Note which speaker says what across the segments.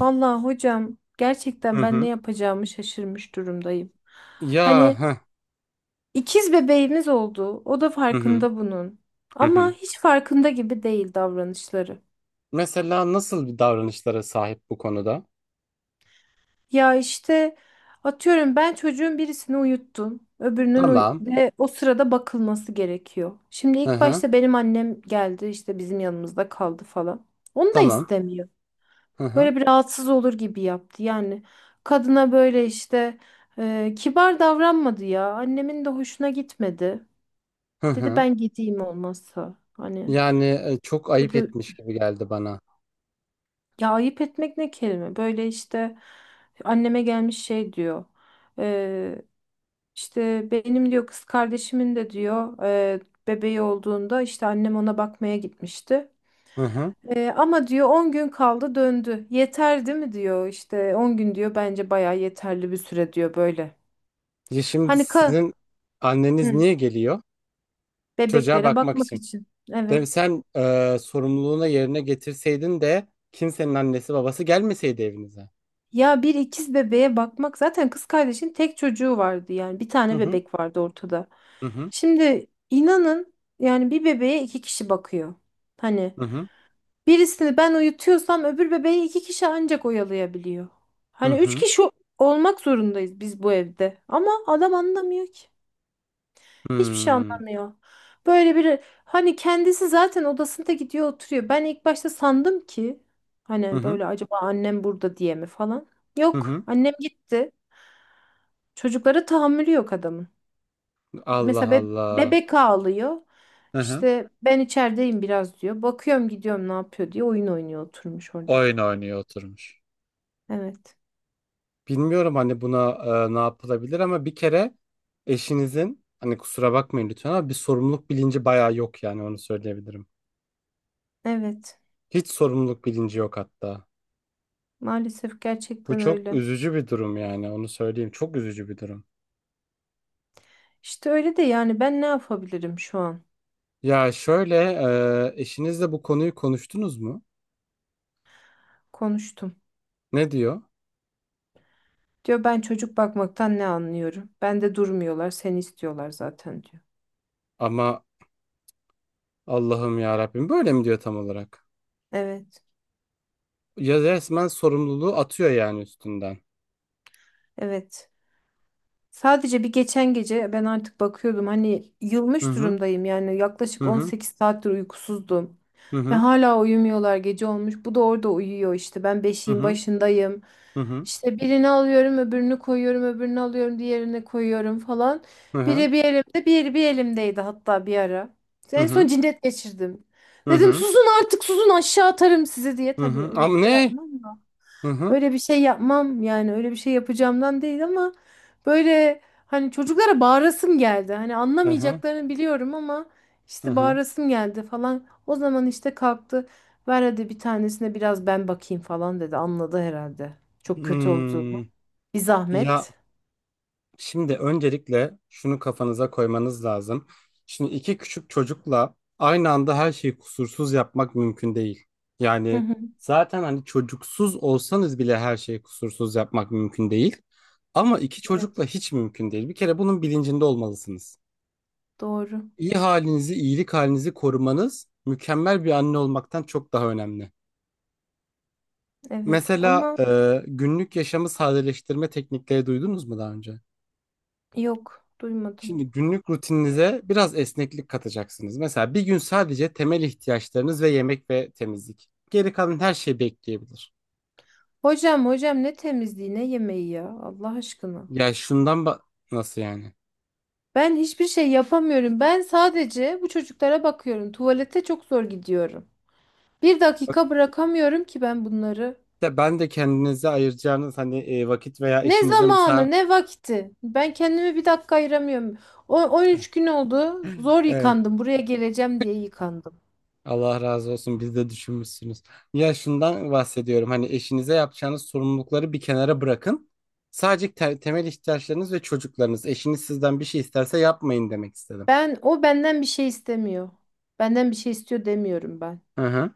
Speaker 1: Vallahi hocam
Speaker 2: Hı
Speaker 1: gerçekten ben ne
Speaker 2: hı.
Speaker 1: yapacağımı şaşırmış durumdayım.
Speaker 2: Ya
Speaker 1: Hani
Speaker 2: heh.
Speaker 1: ikiz bebeğimiz oldu. O da
Speaker 2: Hı hı.
Speaker 1: farkında bunun.
Speaker 2: Hı
Speaker 1: Ama
Speaker 2: hı.
Speaker 1: hiç farkında gibi değil davranışları.
Speaker 2: Mesela nasıl bir davranışlara sahip bu konuda?
Speaker 1: Ya işte atıyorum ben çocuğun birisini uyuttum. Öbürünün
Speaker 2: Tamam.
Speaker 1: ve o sırada bakılması gerekiyor. Şimdi
Speaker 2: Hı
Speaker 1: ilk
Speaker 2: hı.
Speaker 1: başta benim annem geldi işte bizim yanımızda kaldı falan. Onu da
Speaker 2: Tamam.
Speaker 1: istemiyor.
Speaker 2: Hı hı.
Speaker 1: Böyle bir rahatsız olur gibi yaptı. Yani kadına böyle işte kibar davranmadı ya. Annemin de hoşuna gitmedi.
Speaker 2: Hı
Speaker 1: Dedi
Speaker 2: hı.
Speaker 1: ben gideyim olmazsa. Hani
Speaker 2: Yani çok ayıp
Speaker 1: dedi
Speaker 2: etmiş gibi geldi bana.
Speaker 1: ya ayıp etmek ne kelime. Böyle işte anneme gelmiş şey diyor. E, işte benim diyor kız kardeşimin de diyor bebeği olduğunda işte annem ona bakmaya gitmişti.
Speaker 2: Hı hı.
Speaker 1: Ama diyor 10 gün kaldı döndü. Yeter değil mi diyor işte 10 gün diyor bence bayağı yeterli bir süre diyor böyle.
Speaker 2: Ya şimdi
Speaker 1: Hani ka
Speaker 2: sizin anneniz
Speaker 1: Hı,
Speaker 2: niye geliyor? Çocuğa
Speaker 1: bebeklere
Speaker 2: bakmak
Speaker 1: bakmak
Speaker 2: için.
Speaker 1: için.
Speaker 2: Değil.
Speaker 1: Evet.
Speaker 2: Sen sorumluluğuna yerine getirseydin de kimsenin annesi babası gelmeseydi evinize.
Speaker 1: Ya bir ikiz bebeğe bakmak zaten kız kardeşin tek çocuğu vardı yani bir
Speaker 2: Hı
Speaker 1: tane
Speaker 2: hı.
Speaker 1: bebek vardı ortada.
Speaker 2: Hı hı.
Speaker 1: Şimdi inanın yani bir bebeğe iki kişi bakıyor. Hani
Speaker 2: Hı hı.
Speaker 1: birisini ben uyutuyorsam öbür bebeği iki kişi ancak oyalayabiliyor.
Speaker 2: Hı
Speaker 1: Hani üç
Speaker 2: hı.
Speaker 1: kişi olmak zorundayız biz bu evde ama adam anlamıyor ki. Hiçbir şey
Speaker 2: Hmm.
Speaker 1: anlamıyor. Böyle bir hani kendisi zaten odasında gidiyor oturuyor. Ben ilk başta sandım ki
Speaker 2: Hı
Speaker 1: hani
Speaker 2: hı.
Speaker 1: böyle acaba annem burada diye mi falan.
Speaker 2: Hı
Speaker 1: Yok
Speaker 2: hı.
Speaker 1: annem gitti. Çocuklara tahammülü yok adamın.
Speaker 2: Allah
Speaker 1: Mesela
Speaker 2: Allah.
Speaker 1: bebek ağlıyor.
Speaker 2: Hı hı.
Speaker 1: İşte ben içerideyim biraz diyor. Bakıyorum gidiyorum ne yapıyor diye oyun oynuyor oturmuş orada.
Speaker 2: Oyun oynuyor oturmuş.
Speaker 1: Evet.
Speaker 2: Bilmiyorum hani buna ne yapılabilir ama bir kere eşinizin hani kusura bakmayın lütfen ama bir sorumluluk bilinci bayağı yok yani onu söyleyebilirim.
Speaker 1: Evet.
Speaker 2: Hiç sorumluluk bilinci yok hatta.
Speaker 1: Maalesef
Speaker 2: Bu
Speaker 1: gerçekten
Speaker 2: çok
Speaker 1: öyle.
Speaker 2: üzücü bir durum yani onu söyleyeyim. Çok üzücü bir durum.
Speaker 1: İşte öyle de yani ben ne yapabilirim şu an?
Speaker 2: Ya şöyle eşinizle bu konuyu konuştunuz mu?
Speaker 1: Konuştum.
Speaker 2: Ne diyor?
Speaker 1: Diyor ben çocuk bakmaktan ne anlıyorum? Ben de durmuyorlar, seni istiyorlar zaten diyor.
Speaker 2: Ama Allah'ım ya Rabbim böyle mi diyor tam olarak?
Speaker 1: Evet,
Speaker 2: Ya resmen sorumluluğu atıyor yani üstünden.
Speaker 1: evet. Sadece bir geçen gece ben artık bakıyordum hani
Speaker 2: Hı
Speaker 1: yılmış
Speaker 2: hı
Speaker 1: durumdayım yani
Speaker 2: hı
Speaker 1: yaklaşık
Speaker 2: hı
Speaker 1: 18 saattir uykusuzdum.
Speaker 2: hı
Speaker 1: Ve
Speaker 2: hı
Speaker 1: hala uyumuyorlar gece olmuş. Bu da orada uyuyor işte. Ben beşiğin
Speaker 2: hı
Speaker 1: başındayım.
Speaker 2: hı
Speaker 1: İşte birini alıyorum, öbürünü koyuyorum, öbürünü alıyorum, diğerini koyuyorum falan.
Speaker 2: hı
Speaker 1: Biri bir elimde, biri bir elimdeydi hatta bir ara.
Speaker 2: hı
Speaker 1: En son
Speaker 2: hı.
Speaker 1: cinnet geçirdim.
Speaker 2: Hı
Speaker 1: Dedim
Speaker 2: hı.
Speaker 1: susun artık susun aşağı atarım sizi diye.
Speaker 2: Hı
Speaker 1: Tabii
Speaker 2: hı.
Speaker 1: öyle bir
Speaker 2: Ama
Speaker 1: şey
Speaker 2: ne?
Speaker 1: yapmam.
Speaker 2: Hı hı.
Speaker 1: Öyle bir şey yapmam yani öyle bir şey yapacağımdan değil ama böyle hani çocuklara bağırasım geldi. Hani
Speaker 2: Hı hı.
Speaker 1: anlamayacaklarını biliyorum ama
Speaker 2: Hı
Speaker 1: işte
Speaker 2: hı.
Speaker 1: bağırasım geldi falan. O zaman işte kalktı. Ver hadi bir tanesine biraz ben bakayım falan dedi. Anladı herhalde. Çok kötü olduğumu.
Speaker 2: Hmm.
Speaker 1: Bir
Speaker 2: Ya
Speaker 1: zahmet.
Speaker 2: şimdi öncelikle şunu kafanıza koymanız lazım. Şimdi iki küçük çocukla aynı anda her şeyi kusursuz yapmak mümkün değil.
Speaker 1: Hı
Speaker 2: Yani
Speaker 1: hı.
Speaker 2: zaten hani çocuksuz olsanız bile her şeyi kusursuz yapmak mümkün değil. Ama iki çocukla
Speaker 1: Evet.
Speaker 2: hiç mümkün değil. Bir kere bunun bilincinde olmalısınız.
Speaker 1: Doğru.
Speaker 2: İyi halinizi, iyilik halinizi korumanız mükemmel bir anne olmaktan çok daha önemli.
Speaker 1: Evet
Speaker 2: Mesela
Speaker 1: ama
Speaker 2: günlük yaşamı sadeleştirme teknikleri duydunuz mu daha önce?
Speaker 1: yok duymadım.
Speaker 2: Şimdi günlük rutininize biraz esneklik katacaksınız. Mesela bir gün sadece temel ihtiyaçlarınız ve yemek ve temizlik. Geri kalan her şey bekleyebilir.
Speaker 1: Hocam hocam ne temizliği ne yemeği ya Allah aşkına.
Speaker 2: Ya şundan nasıl yani?
Speaker 1: Ben hiçbir şey yapamıyorum. Ben sadece bu çocuklara bakıyorum. Tuvalete çok zor gidiyorum. Bir
Speaker 2: Bak,
Speaker 1: dakika bırakamıyorum ki ben bunları.
Speaker 2: de ben de kendinize ayıracağınız hani vakit veya
Speaker 1: Ne
Speaker 2: işinize mesela
Speaker 1: zamanı, ne vakti. Ben kendimi bir dakika ayıramıyorum. O 13 gün oldu. Zor
Speaker 2: Evet.
Speaker 1: yıkandım. Buraya geleceğim diye yıkandım.
Speaker 2: Allah razı olsun biz de düşünmüşsünüz. Ya şundan bahsediyorum hani eşinize yapacağınız sorumlulukları bir kenara bırakın. Sadece temel ihtiyaçlarınız ve çocuklarınız. Eşiniz sizden bir şey isterse yapmayın demek istedim.
Speaker 1: Ben o benden bir şey istemiyor. Benden bir şey istiyor demiyorum ben.
Speaker 2: Hı hı.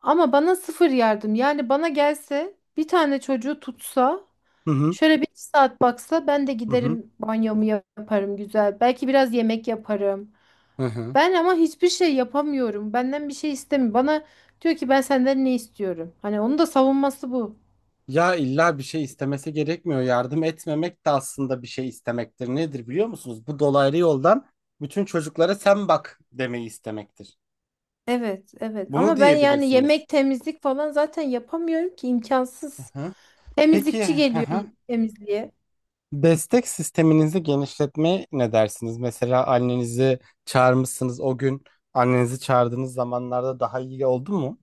Speaker 1: Ama bana sıfır yardım. Yani bana gelse bir tane çocuğu tutsa
Speaker 2: Hı hı.
Speaker 1: şöyle bir iki saat baksa ben de
Speaker 2: Hı hı.
Speaker 1: giderim banyomu yaparım güzel. Belki biraz yemek yaparım.
Speaker 2: Hı hı.
Speaker 1: Ben ama hiçbir şey yapamıyorum. Benden bir şey istemiyor. Bana diyor ki ben senden ne istiyorum? Hani onun da savunması bu.
Speaker 2: Ya illa bir şey istemesi gerekmiyor. Yardım etmemek de aslında bir şey istemektir. Nedir biliyor musunuz? Bu dolaylı yoldan bütün çocuklara sen bak demeyi istemektir.
Speaker 1: Evet, evet.
Speaker 2: Bunu
Speaker 1: Ama ben yani
Speaker 2: diyebilirsiniz.
Speaker 1: yemek, temizlik falan zaten yapamıyorum ki
Speaker 2: Hı
Speaker 1: imkansız.
Speaker 2: hı. Peki.
Speaker 1: Temizlikçi
Speaker 2: Hı
Speaker 1: geliyor
Speaker 2: hı.
Speaker 1: temizliğe.
Speaker 2: Destek sisteminizi genişletmeye ne dersiniz? Mesela annenizi çağırmışsınız o gün annenizi çağırdığınız zamanlarda daha iyi oldu mu?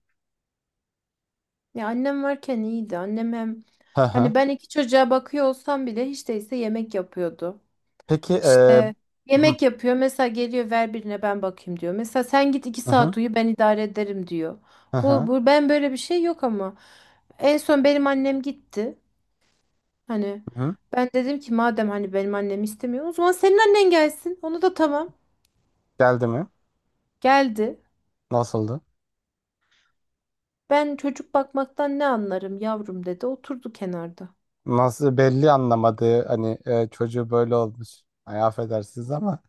Speaker 1: Ya annem varken iyiydi. Annem hem
Speaker 2: Hı hı.
Speaker 1: hani ben iki çocuğa bakıyor olsam bile hiç değilse yemek yapıyordu.
Speaker 2: Peki
Speaker 1: İşte
Speaker 2: hı
Speaker 1: yemek yapıyor. Mesela geliyor ver birine ben bakayım diyor. Mesela sen git iki
Speaker 2: hı hı
Speaker 1: saat uyu ben idare ederim diyor. Bu,
Speaker 2: hı
Speaker 1: bu ben böyle bir şey yok ama. En son benim annem gitti. Hani
Speaker 2: hı.
Speaker 1: ben dedim ki madem hani benim annem istemiyor o zaman senin annen gelsin. Onu da tamam.
Speaker 2: Geldi mi?
Speaker 1: Geldi.
Speaker 2: Nasıldı?
Speaker 1: Ben çocuk bakmaktan ne anlarım yavrum dedi. Oturdu kenarda.
Speaker 2: Nasıl belli anlamadı hani çocuğu böyle olmuş. Ay affedersiniz ama.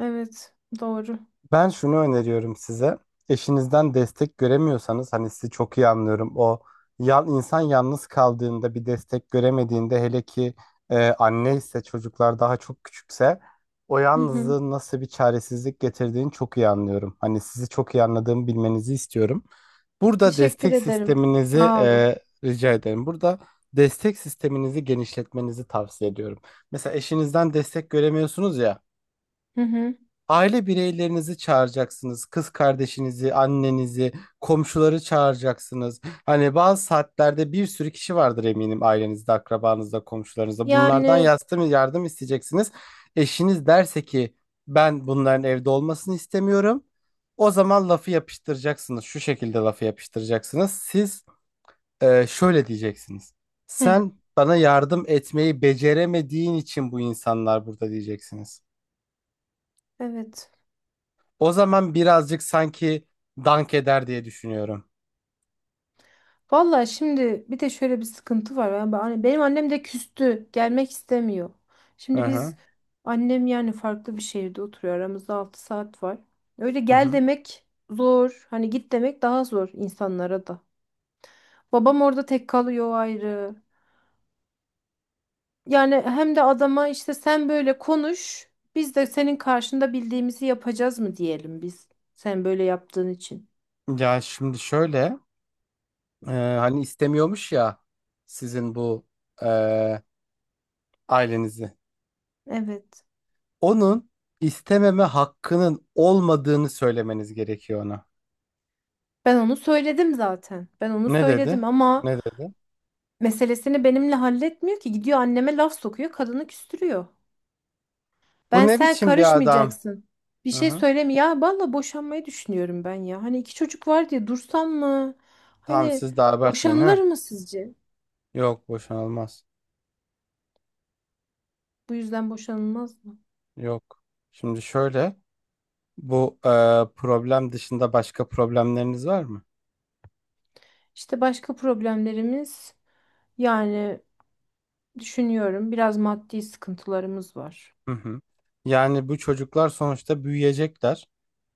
Speaker 1: Evet, doğru.
Speaker 2: Ben şunu öneriyorum size. Eşinizden destek göremiyorsanız hani sizi çok iyi anlıyorum. O insan yalnız kaldığında bir destek göremediğinde hele ki anne ise çocuklar daha çok küçükse o
Speaker 1: Hı hı.
Speaker 2: yalnızlığın nasıl bir çaresizlik getirdiğini çok iyi anlıyorum. Hani sizi çok iyi anladığımı bilmenizi istiyorum. Burada
Speaker 1: Teşekkür
Speaker 2: destek
Speaker 1: ederim.
Speaker 2: sisteminizi
Speaker 1: Sağ olun.
Speaker 2: rica ederim. Burada destek sisteminizi genişletmenizi tavsiye ediyorum. Mesela eşinizden destek göremiyorsunuz ya.
Speaker 1: Hı hı.
Speaker 2: Aile bireylerinizi çağıracaksınız. Kız kardeşinizi, annenizi, komşuları çağıracaksınız. Hani bazı saatlerde bir sürü kişi vardır eminim ailenizde, akrabanızda, komşularınızda. Bunlardan
Speaker 1: Yani
Speaker 2: yardım isteyeceksiniz. Eşiniz derse ki ben bunların evde olmasını istemiyorum. O zaman lafı yapıştıracaksınız. Şu şekilde lafı yapıştıracaksınız. Siz şöyle diyeceksiniz.
Speaker 1: hı,
Speaker 2: Sen bana yardım etmeyi beceremediğin için bu insanlar burada diyeceksiniz.
Speaker 1: evet.
Speaker 2: O zaman birazcık sanki dank eder diye düşünüyorum.
Speaker 1: Valla şimdi bir de şöyle bir sıkıntı var. Yani hani benim annem de küstü. Gelmek istemiyor.
Speaker 2: Hı
Speaker 1: Şimdi
Speaker 2: hı.
Speaker 1: biz annem yani farklı bir şehirde oturuyor. Aramızda 6 saat var. Öyle
Speaker 2: Hı
Speaker 1: gel
Speaker 2: hı.
Speaker 1: demek zor. Hani git demek daha zor insanlara da. Babam orada tek kalıyor ayrı. Yani hem de adama işte sen böyle konuş. Biz de senin karşında bildiğimizi yapacağız mı diyelim biz. Sen böyle yaptığın için.
Speaker 2: Ya şimdi şöyle hani istemiyormuş ya sizin bu e, ailenizi.
Speaker 1: Evet.
Speaker 2: Onun istememe hakkının olmadığını söylemeniz gerekiyor ona.
Speaker 1: Ben onu söyledim zaten. Ben onu
Speaker 2: Ne dedi?
Speaker 1: söyledim ama
Speaker 2: Ne dedi?
Speaker 1: meselesini benimle halletmiyor ki. Gidiyor anneme laf sokuyor, kadını küstürüyor.
Speaker 2: Bu
Speaker 1: Ben
Speaker 2: ne
Speaker 1: sen
Speaker 2: biçim bir adam?
Speaker 1: karışmayacaksın. Bir
Speaker 2: Hı
Speaker 1: şey
Speaker 2: hı.
Speaker 1: söyleme ya. Valla boşanmayı düşünüyorum ben ya. Hani iki çocuk var diye dursam mı?
Speaker 2: Tamam
Speaker 1: Hani
Speaker 2: siz de abartmayın ha.
Speaker 1: boşanılır mı sizce?
Speaker 2: Yok boşanılmaz.
Speaker 1: Bu yüzden boşanılmaz mı?
Speaker 2: Yok. Şimdi şöyle bu problem dışında başka problemleriniz var mı?
Speaker 1: İşte başka problemlerimiz yani düşünüyorum biraz maddi sıkıntılarımız var.
Speaker 2: Hı hı. Yani bu çocuklar sonuçta büyüyecekler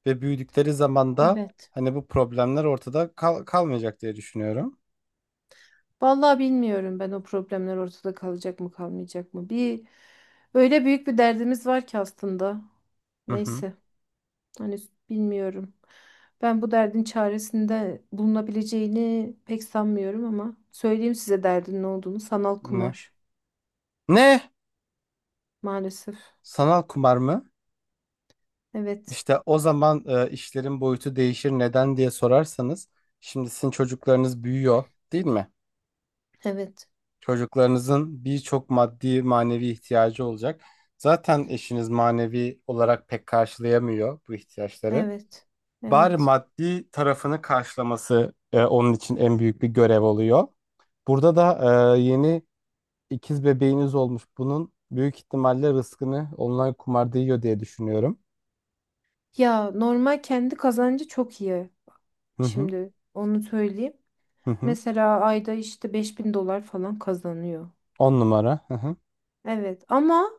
Speaker 2: ve büyüdükleri zaman da
Speaker 1: Evet.
Speaker 2: hani bu problemler ortada kalmayacak diye düşünüyorum.
Speaker 1: Vallahi bilmiyorum ben o problemler ortada kalacak mı kalmayacak mı. Bir öyle büyük bir derdimiz var ki aslında.
Speaker 2: Hı hı.
Speaker 1: Neyse. Hani bilmiyorum. Ben bu derdin çaresinde bulunabileceğini pek sanmıyorum ama söyleyeyim size derdin ne olduğunu. Sanal
Speaker 2: Ne?
Speaker 1: kumar
Speaker 2: Ne?
Speaker 1: maalesef.
Speaker 2: Sanal kumar mı?
Speaker 1: Evet.
Speaker 2: İşte o zaman işlerin boyutu değişir neden diye sorarsanız şimdi sizin çocuklarınız büyüyor değil mi?
Speaker 1: Evet.
Speaker 2: Çocuklarınızın birçok maddi manevi ihtiyacı olacak. Zaten eşiniz manevi olarak pek karşılayamıyor bu ihtiyaçları.
Speaker 1: Evet.
Speaker 2: Bari
Speaker 1: Evet.
Speaker 2: maddi tarafını karşılaması onun için en büyük bir görev oluyor. Burada da yeni ikiz bebeğiniz olmuş. Bunun büyük ihtimalle rızkını online kumarda yiyor diye düşünüyorum.
Speaker 1: Ya normal kendi kazancı çok iyi.
Speaker 2: Hı hı
Speaker 1: Şimdi onu söyleyeyim.
Speaker 2: hı hı.
Speaker 1: Mesela ayda işte 5.000 dolar falan kazanıyor.
Speaker 2: On numara. Hı hı.
Speaker 1: Evet ama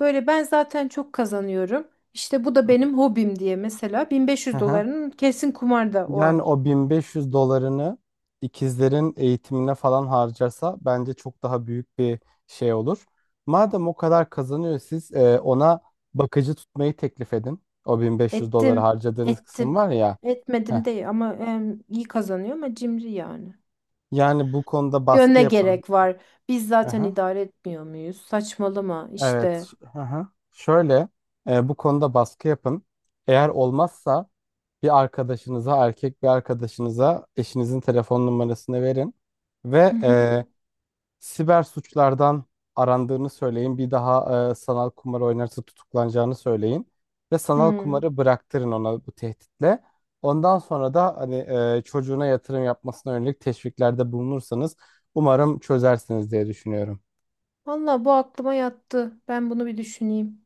Speaker 1: böyle ben zaten çok kazanıyorum. İşte bu da
Speaker 2: Hı hı.
Speaker 1: benim hobim diye mesela
Speaker 2: Hı
Speaker 1: 1.500
Speaker 2: hı.
Speaker 1: dolarının kesin kumarda o ay.
Speaker 2: Yani o 1.500 dolarını ikizlerin eğitimine falan harcarsa bence çok daha büyük bir şey olur. Madem o kadar kazanıyor siz ona bakıcı tutmayı teklif edin. O 1.500 doları
Speaker 1: Ettim,
Speaker 2: harcadığınız kısım
Speaker 1: ettim.
Speaker 2: var ya. Heh.
Speaker 1: Etmedim değil ama iyi kazanıyor ama cimri yani.
Speaker 2: Yani bu konuda
Speaker 1: Diyor
Speaker 2: baskı
Speaker 1: ne
Speaker 2: yapın.
Speaker 1: gerek var? Biz zaten
Speaker 2: Aha.
Speaker 1: idare etmiyor muyuz? Saçmalama
Speaker 2: Evet.
Speaker 1: işte.
Speaker 2: Aha. Şöyle bu konuda baskı yapın. Eğer olmazsa bir arkadaşınıza, erkek bir arkadaşınıza eşinizin telefon numarasını verin
Speaker 1: Hı
Speaker 2: ve
Speaker 1: hı.
Speaker 2: siber suçlardan arandığını söyleyin. Bir daha sanal kumar oynarsa tutuklanacağını söyleyin. Ve sanal
Speaker 1: Hmm.
Speaker 2: kumarı bıraktırın ona bu tehditle. Ondan sonra da hani çocuğuna yatırım yapmasına yönelik teşviklerde bulunursanız umarım çözersiniz diye düşünüyorum.
Speaker 1: Valla bu aklıma yattı. Ben bunu bir düşüneyim.